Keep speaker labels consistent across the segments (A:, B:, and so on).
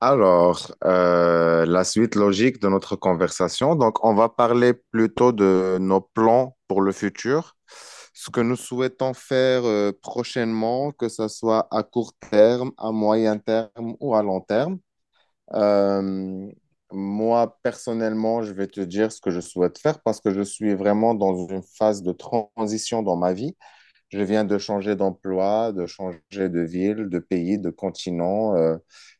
A: Alors, la suite logique de notre conversation. Donc, on va parler plutôt de nos plans pour le futur, ce que nous souhaitons faire prochainement, que ce soit à court terme, à moyen terme ou à long terme. Euh, moi, personnellement, je vais te dire ce que je souhaite faire parce que je suis vraiment dans une phase de transition dans ma vie. Je viens de changer d'emploi, de changer de ville, de pays, de continent.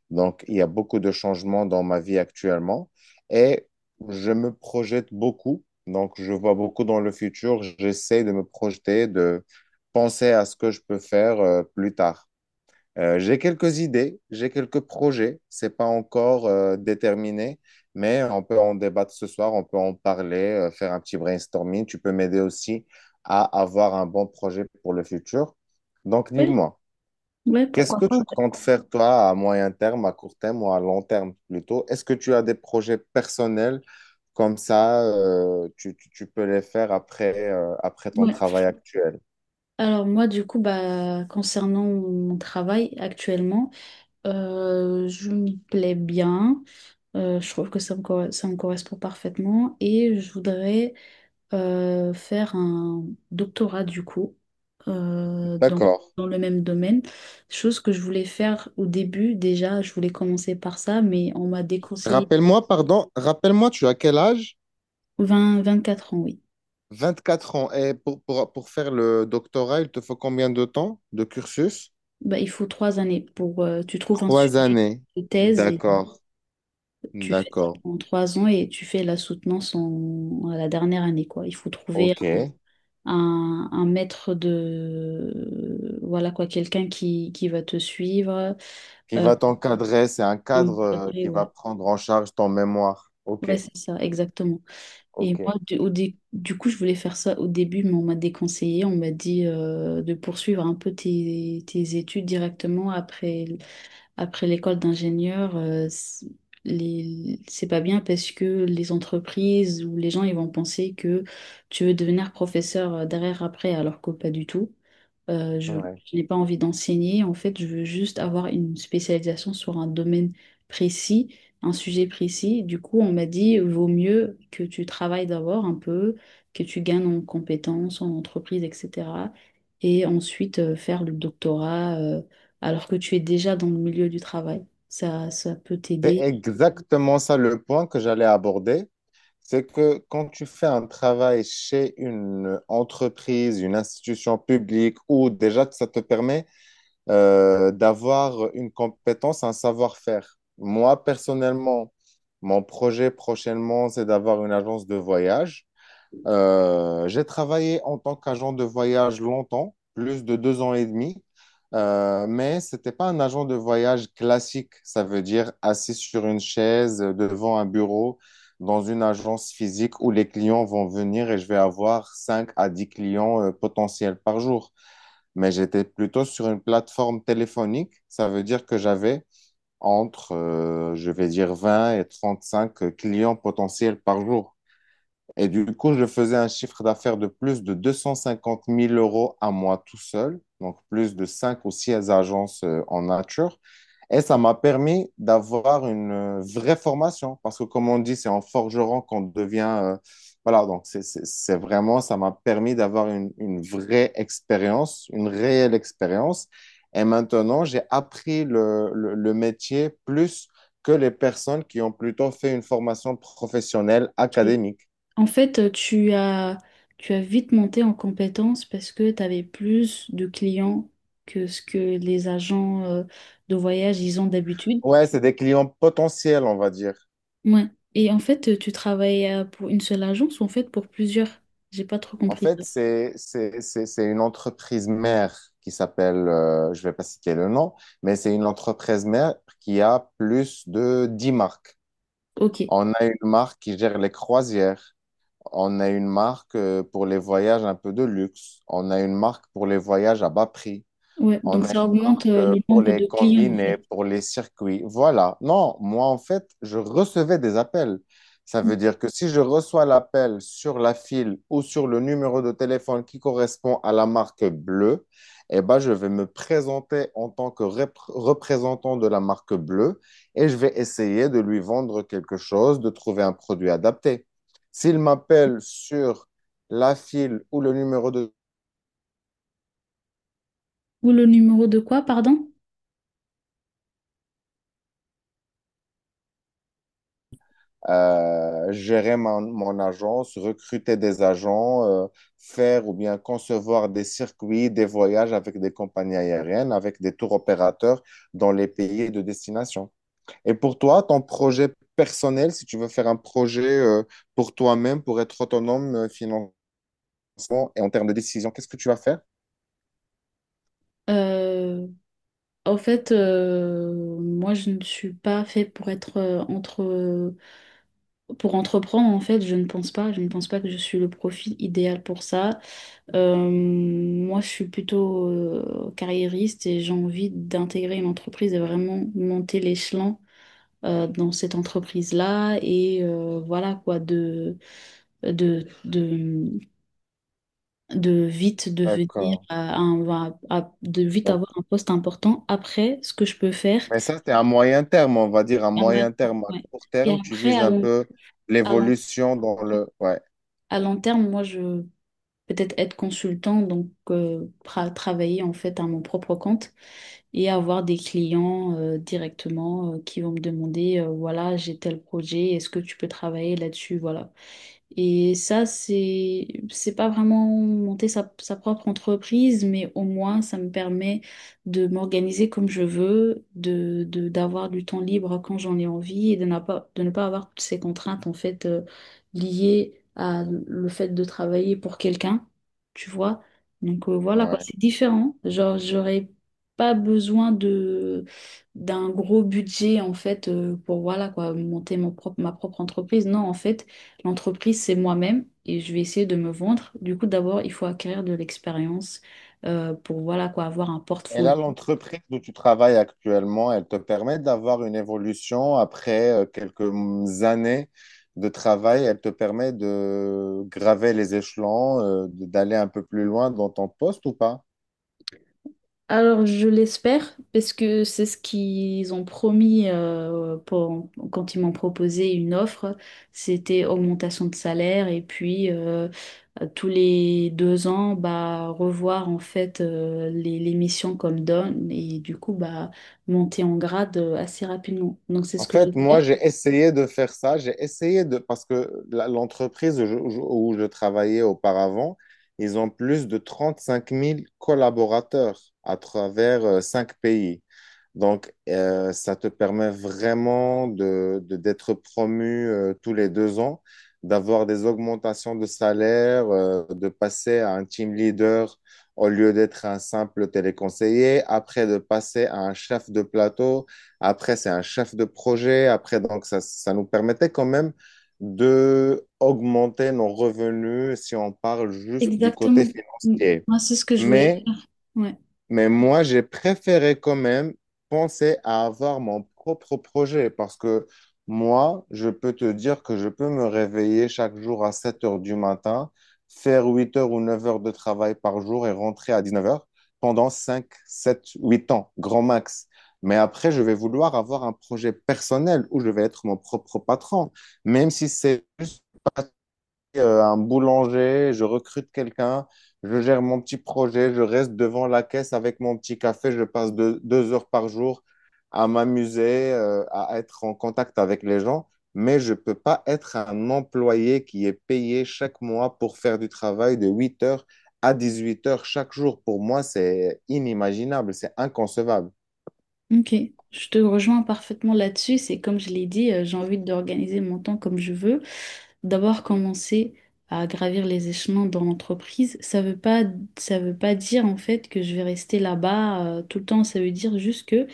A: Donc, il y a beaucoup de changements dans ma vie actuellement, et je me projette beaucoup. Donc, je vois beaucoup dans le futur. J'essaie de me projeter, de penser à ce que je peux faire plus tard. J'ai quelques idées, j'ai quelques projets. C'est pas encore déterminé, mais on peut en débattre ce soir, on peut en parler, faire un petit brainstorming. Tu peux m'aider aussi à avoir un bon projet pour le futur. Donc,
B: Ouais,
A: dis-moi,
B: ouais,
A: qu'est-ce
B: pourquoi?
A: que tu comptes faire toi à moyen terme, à court terme ou à long terme plutôt? Est-ce que tu as des projets personnels comme ça, tu peux les faire après, après ton
B: Ouais.
A: travail actuel?
B: Alors moi, du coup, bah, concernant mon travail actuellement, je me plais bien. Je trouve que ça me correspond parfaitement et je voudrais faire un doctorat du coup euh, dans,
A: D'accord.
B: dans le même domaine. Chose que je voulais faire au début déjà, je voulais commencer par ça, mais on m'a déconseillé.
A: Rappelle-moi, pardon, rappelle-moi, tu as quel âge?
B: Vingt vingt-quatre ans, oui.
A: 24 ans. Et pour faire le doctorat, il te faut combien de temps de cursus?
B: Bah, il faut trois années pour tu trouves un
A: Trois
B: sujet
A: années.
B: de thèse. Et
A: D'accord,
B: tu fais ça
A: d'accord.
B: pendant trois ans et tu fais la soutenance en, à la dernière année, quoi. Il faut trouver
A: OK.
B: un maître de... Voilà, quoi, quelqu'un qui va te suivre,
A: Qui
B: euh,
A: va t'encadrer, c'est un
B: qui est
A: cadre
B: encadré,
A: qui va
B: ouais.
A: prendre en charge ton mémoire. OK,
B: Ouais, c'est ça, exactement. Et
A: OK.
B: moi, du, au dé- Du coup, je voulais faire ça au début, mais on m'a déconseillé. On m'a dit de poursuivre un peu tes études directement après. Après l'école d'ingénieur, c'est pas bien parce que les entreprises ou les gens, ils vont penser que tu veux devenir professeur derrière après, alors que pas du tout. Euh, je,
A: Ouais.
B: je n'ai pas envie d'enseigner. En fait, je veux juste avoir une spécialisation sur un domaine précis, un sujet précis. Du coup, on m'a dit, vaut mieux que tu travailles d'abord un peu, que tu gagnes en compétences, en entreprise, etc. Et ensuite, faire le doctorat, alors que tu es déjà dans le milieu du travail. Ça peut
A: C'est
B: t'aider.
A: exactement ça le point que j'allais aborder. C'est que quand tu fais un travail chez une entreprise, une institution publique, ou déjà que ça te permet d'avoir une compétence, un savoir-faire. Moi, personnellement, mon projet prochainement, c'est d'avoir une agence de voyage. J'ai travaillé en tant qu'agent de voyage longtemps, plus de 2 ans et demi, mais ce n'était pas un agent de voyage classique. Ça veut dire assis sur une chaise devant un bureau dans une agence physique où les clients vont venir et je vais avoir 5 à 10 clients potentiels par jour, mais j'étais plutôt sur une plateforme téléphonique. Ça veut dire que j'avais entre, je vais dire, 20 et 35 clients potentiels par jour. Et du coup, je faisais un chiffre d'affaires de plus de 250 000 € à moi tout seul, donc plus de 5 ou 6 agences en nature. Et ça m'a permis d'avoir une vraie formation, parce que comme on dit, c'est en forgeron qu'on devient... voilà, donc c'est vraiment, ça m'a permis d'avoir une vraie expérience, une réelle expérience. Et maintenant, j'ai appris le métier plus que les personnes qui ont plutôt fait une formation professionnelle
B: Ok.
A: académique.
B: En fait, tu as, Tu as vite monté en compétence parce que tu avais plus de clients que ce que les agents de voyage ils ont d'habitude.
A: Ouais, c'est des clients potentiels, on va dire.
B: Ouais. Et en fait, tu travailles pour une seule agence ou en fait pour plusieurs? J'ai pas trop
A: En
B: compris
A: fait,
B: ça.
A: c'est une entreprise mère qui s'appelle, je vais pas citer le nom, mais c'est une entreprise mère qui a plus de 10 marques.
B: Ok.
A: On a une marque qui gère les croisières. On a une marque pour les voyages un peu de luxe. On a une marque pour les voyages à bas prix.
B: Ouais.
A: On
B: Donc
A: a une
B: ça augmente
A: marque
B: le
A: pour
B: nombre de
A: les
B: clients en fait.
A: combinés, pour les circuits. Voilà. Non, moi, en fait, je recevais des appels. Ça veut dire que si je reçois l'appel sur la file ou sur le numéro de téléphone qui correspond à la marque bleue, eh ben, je vais me présenter en tant que représentant de la marque bleue et je vais essayer de lui vendre quelque chose, de trouver un produit adapté. S'il m'appelle sur la file ou le numéro de
B: Ou le numéro de quoi, pardon?
A: gérer mon agence, recruter des agents, faire ou bien concevoir des circuits, des voyages avec des compagnies aériennes, avec des tours opérateurs dans les pays de destination. Et pour toi, ton projet personnel, si tu veux faire un projet pour toi-même, pour être autonome enfant et en termes de décision, qu'est-ce que tu vas faire?
B: Euh, en fait, moi je ne suis pas fait pour être entre Pour entreprendre, en fait, je ne pense pas. Je ne pense pas que je suis le profil idéal pour ça. Moi, je suis plutôt carriériste et j'ai envie d'intégrer une entreprise et vraiment monter l'échelon dans cette entreprise-là. Et voilà quoi, de, de, de vite devenir
A: D'accord.
B: à un- à- de vite
A: Donc,
B: avoir un poste important. Après, ce que je peux faire
A: mais ça, c'est à moyen terme, on va dire, à
B: à moyen
A: moyen
B: terme,
A: terme. À
B: ouais.
A: court
B: Et
A: terme, tu
B: après,
A: vises un peu
B: à long,
A: l'évolution dans le... Ouais,
B: à long terme, moi, je peut-être être consultant, donc travailler en fait à mon propre compte et avoir des clients directement qui vont me demander, voilà, j'ai tel projet, est-ce que tu peux travailler là-dessus? Voilà. Et ça, c'est pas vraiment monter sa propre entreprise, mais au moins, ça me permet de m'organiser comme je veux, d'avoir du temps libre quand j'en ai envie et de ne pas avoir toutes ces contraintes, en fait, liées à le fait de travailler pour quelqu'un, tu vois. Donc, voilà, quoi,
A: ouais.
B: c'est différent. Genre, j'aurais pas besoin de, d'un gros budget, en fait, pour, voilà, quoi, monter ma propre entreprise. Non, en fait. L'entreprise, c'est moi-même et je vais essayer de me vendre. Du coup, d'abord, il faut acquérir de l'expérience pour voilà quoi, avoir un
A: Et
B: portfolio.
A: là, l'entreprise où tu travailles actuellement, elle te permet d'avoir une évolution après quelques années de travail. Elle te permet de graver les échelons, d'aller un peu plus loin dans ton poste ou pas?
B: Alors, je l'espère parce que c'est ce qu'ils ont promis quand ils m'ont proposé une offre. C'était augmentation de salaire et puis tous les deux ans, bah, revoir en fait les missions comme donne et du coup, bah, monter en grade assez rapidement. Donc, c'est
A: En
B: ce que
A: fait, moi,
B: j'espère.
A: j'ai essayé de faire ça. J'ai essayé de... Parce que l'entreprise où je travaillais auparavant, ils ont plus de 35 000 collaborateurs à travers cinq pays. Donc, ça te permet vraiment d'être promu tous les 2 ans, d'avoir des augmentations de salaire, de passer à un team leader au lieu d'être un simple téléconseiller, après de passer à un chef de plateau, après, c'est un chef de projet. Après, donc, ça nous permettait quand même de augmenter nos revenus si on parle juste du côté
B: Exactement. Mm.
A: financier.
B: Moi, c'est ce que je voulais
A: Mais
B: faire. Ouais.
A: mais moi, j'ai préféré quand même penser à avoir mon propre projet parce que moi, je peux te dire que je peux me réveiller chaque jour à 7 heures du matin, faire 8 heures ou 9 heures de travail par jour et rentrer à 19 heures pendant 5, 7, 8 ans, grand max. Mais après, je vais vouloir avoir un projet personnel où je vais être mon propre patron, même si c'est juste un boulanger, je recrute quelqu'un, je gère mon petit projet, je reste devant la caisse avec mon petit café, je passe deux heures par jour à m'amuser, à être en contact avec les gens, mais je ne peux pas être un employé qui est payé chaque mois pour faire du travail de 8 heures à 18 heures chaque jour. Pour moi, c'est inimaginable, c'est inconcevable.
B: Ok. Je te rejoins parfaitement là-dessus. C'est comme je l'ai dit, j'ai envie d'organiser mon temps comme je veux. D'abord, commencer à gravir les échelons dans l'entreprise. Ça veut pas dire en fait que je vais rester là-bas tout le temps. Ça veut dire juste que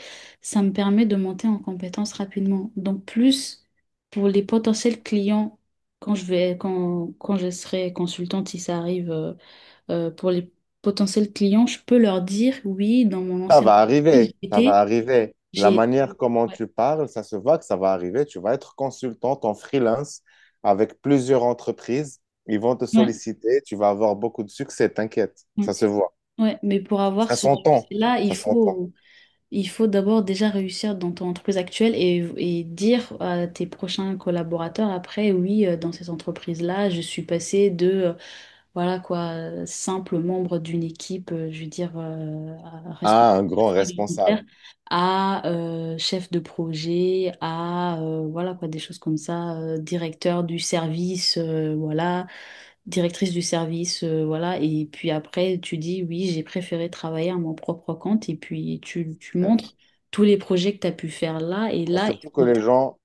B: ça me permet de monter en compétences rapidement. Donc, plus pour les potentiels clients quand quand je serai consultante, si ça arrive. Pour les potentiels clients, je peux leur dire, oui, dans mon
A: Ça
B: ancienne
A: va
B: entreprise,
A: arriver, ça va arriver. La
B: j'ai...
A: manière comment
B: Ouais,
A: tu parles, ça se voit que ça va arriver. Tu vas être consultante en freelance avec plusieurs entreprises. Ils vont te
B: ouais,
A: solliciter. Tu vas avoir beaucoup de succès, t'inquiète.
B: ouais,
A: Ça se voit.
B: ouais. Mais pour avoir
A: Ça
B: ce
A: s'entend.
B: succès-là,
A: Ça s'entend.
B: il faut d'abord déjà réussir dans ton entreprise actuelle et dire à tes prochains collaborateurs après, oui, dans cette entreprise-là, je suis passée de voilà quoi, simple membre d'une équipe, je veux dire, responsable
A: Ah, un grand
B: affaires alimentaires,
A: responsable.
B: à chef de projet, à voilà quoi, des choses comme ça, directeur du service, voilà, directrice du service, voilà, et puis après tu dis oui, j'ai préféré travailler à mon propre compte, et puis tu montres tous les projets que tu as pu faire là, et
A: Bah,
B: là, ils
A: surtout que
B: sont
A: les
B: intér-
A: gens,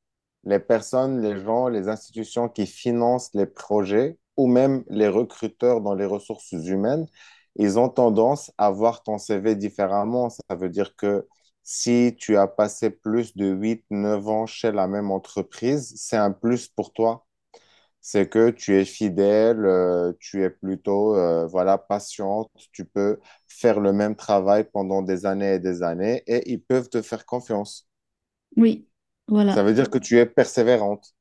A: les personnes, les gens, les institutions qui financent les projets ou même les recruteurs dans les ressources humaines, ils ont tendance à voir ton CV différemment. Ça veut dire que si tu as passé plus de 8, 9 ans chez la même entreprise, c'est un plus pour toi. C'est que tu es fidèle, tu es plutôt voilà, patiente, tu peux faire le même travail pendant des années et ils peuvent te faire confiance.
B: oui,
A: Ça
B: voilà.
A: veut dire que tu es persévérante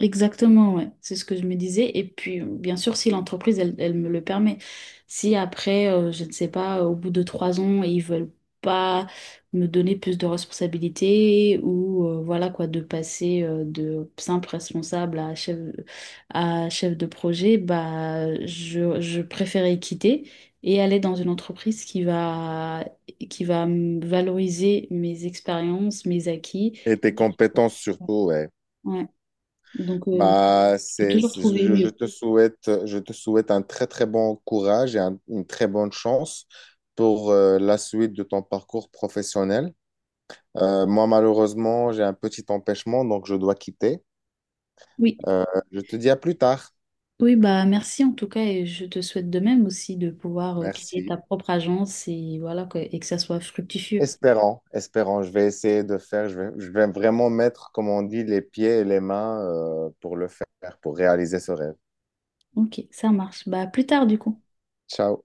B: Exactement, ouais. C'est ce que je me disais. Et puis, bien sûr, si l'entreprise, elle, elle me le permet. Si après, je ne sais pas, au bout de trois ans, ils veulent pas me donner plus de responsabilités ou voilà quoi, de passer de simple responsable à chef de projet, bah, je préférais quitter et aller dans une entreprise qui va me valoriser mes expériences, mes acquis.
A: et tes
B: Et qui-
A: compétences surtout, ouais.
B: Ouais. Donc,
A: Bah,
B: j'ai toujours trouvé
A: je, je
B: mieux.
A: te souhaite, je te souhaite un très très bon courage et une très bonne chance pour la suite de ton parcours professionnel. Moi, malheureusement, j'ai un petit empêchement, donc je dois quitter.
B: Oui,
A: Euh, je te dis à plus tard.
B: oui, bah merci en tout cas et je te souhaite de même aussi de pouvoir créer ta
A: Merci.
B: propre agence et voilà que, et que ça soit fructifieux.
A: Espérant, je vais essayer de faire, je vais vraiment mettre, comme on dit, les pieds et les mains pour le faire, pour réaliser ce rêve.
B: Ok, ça marche. Bah à plus tard du coup.
A: Ciao.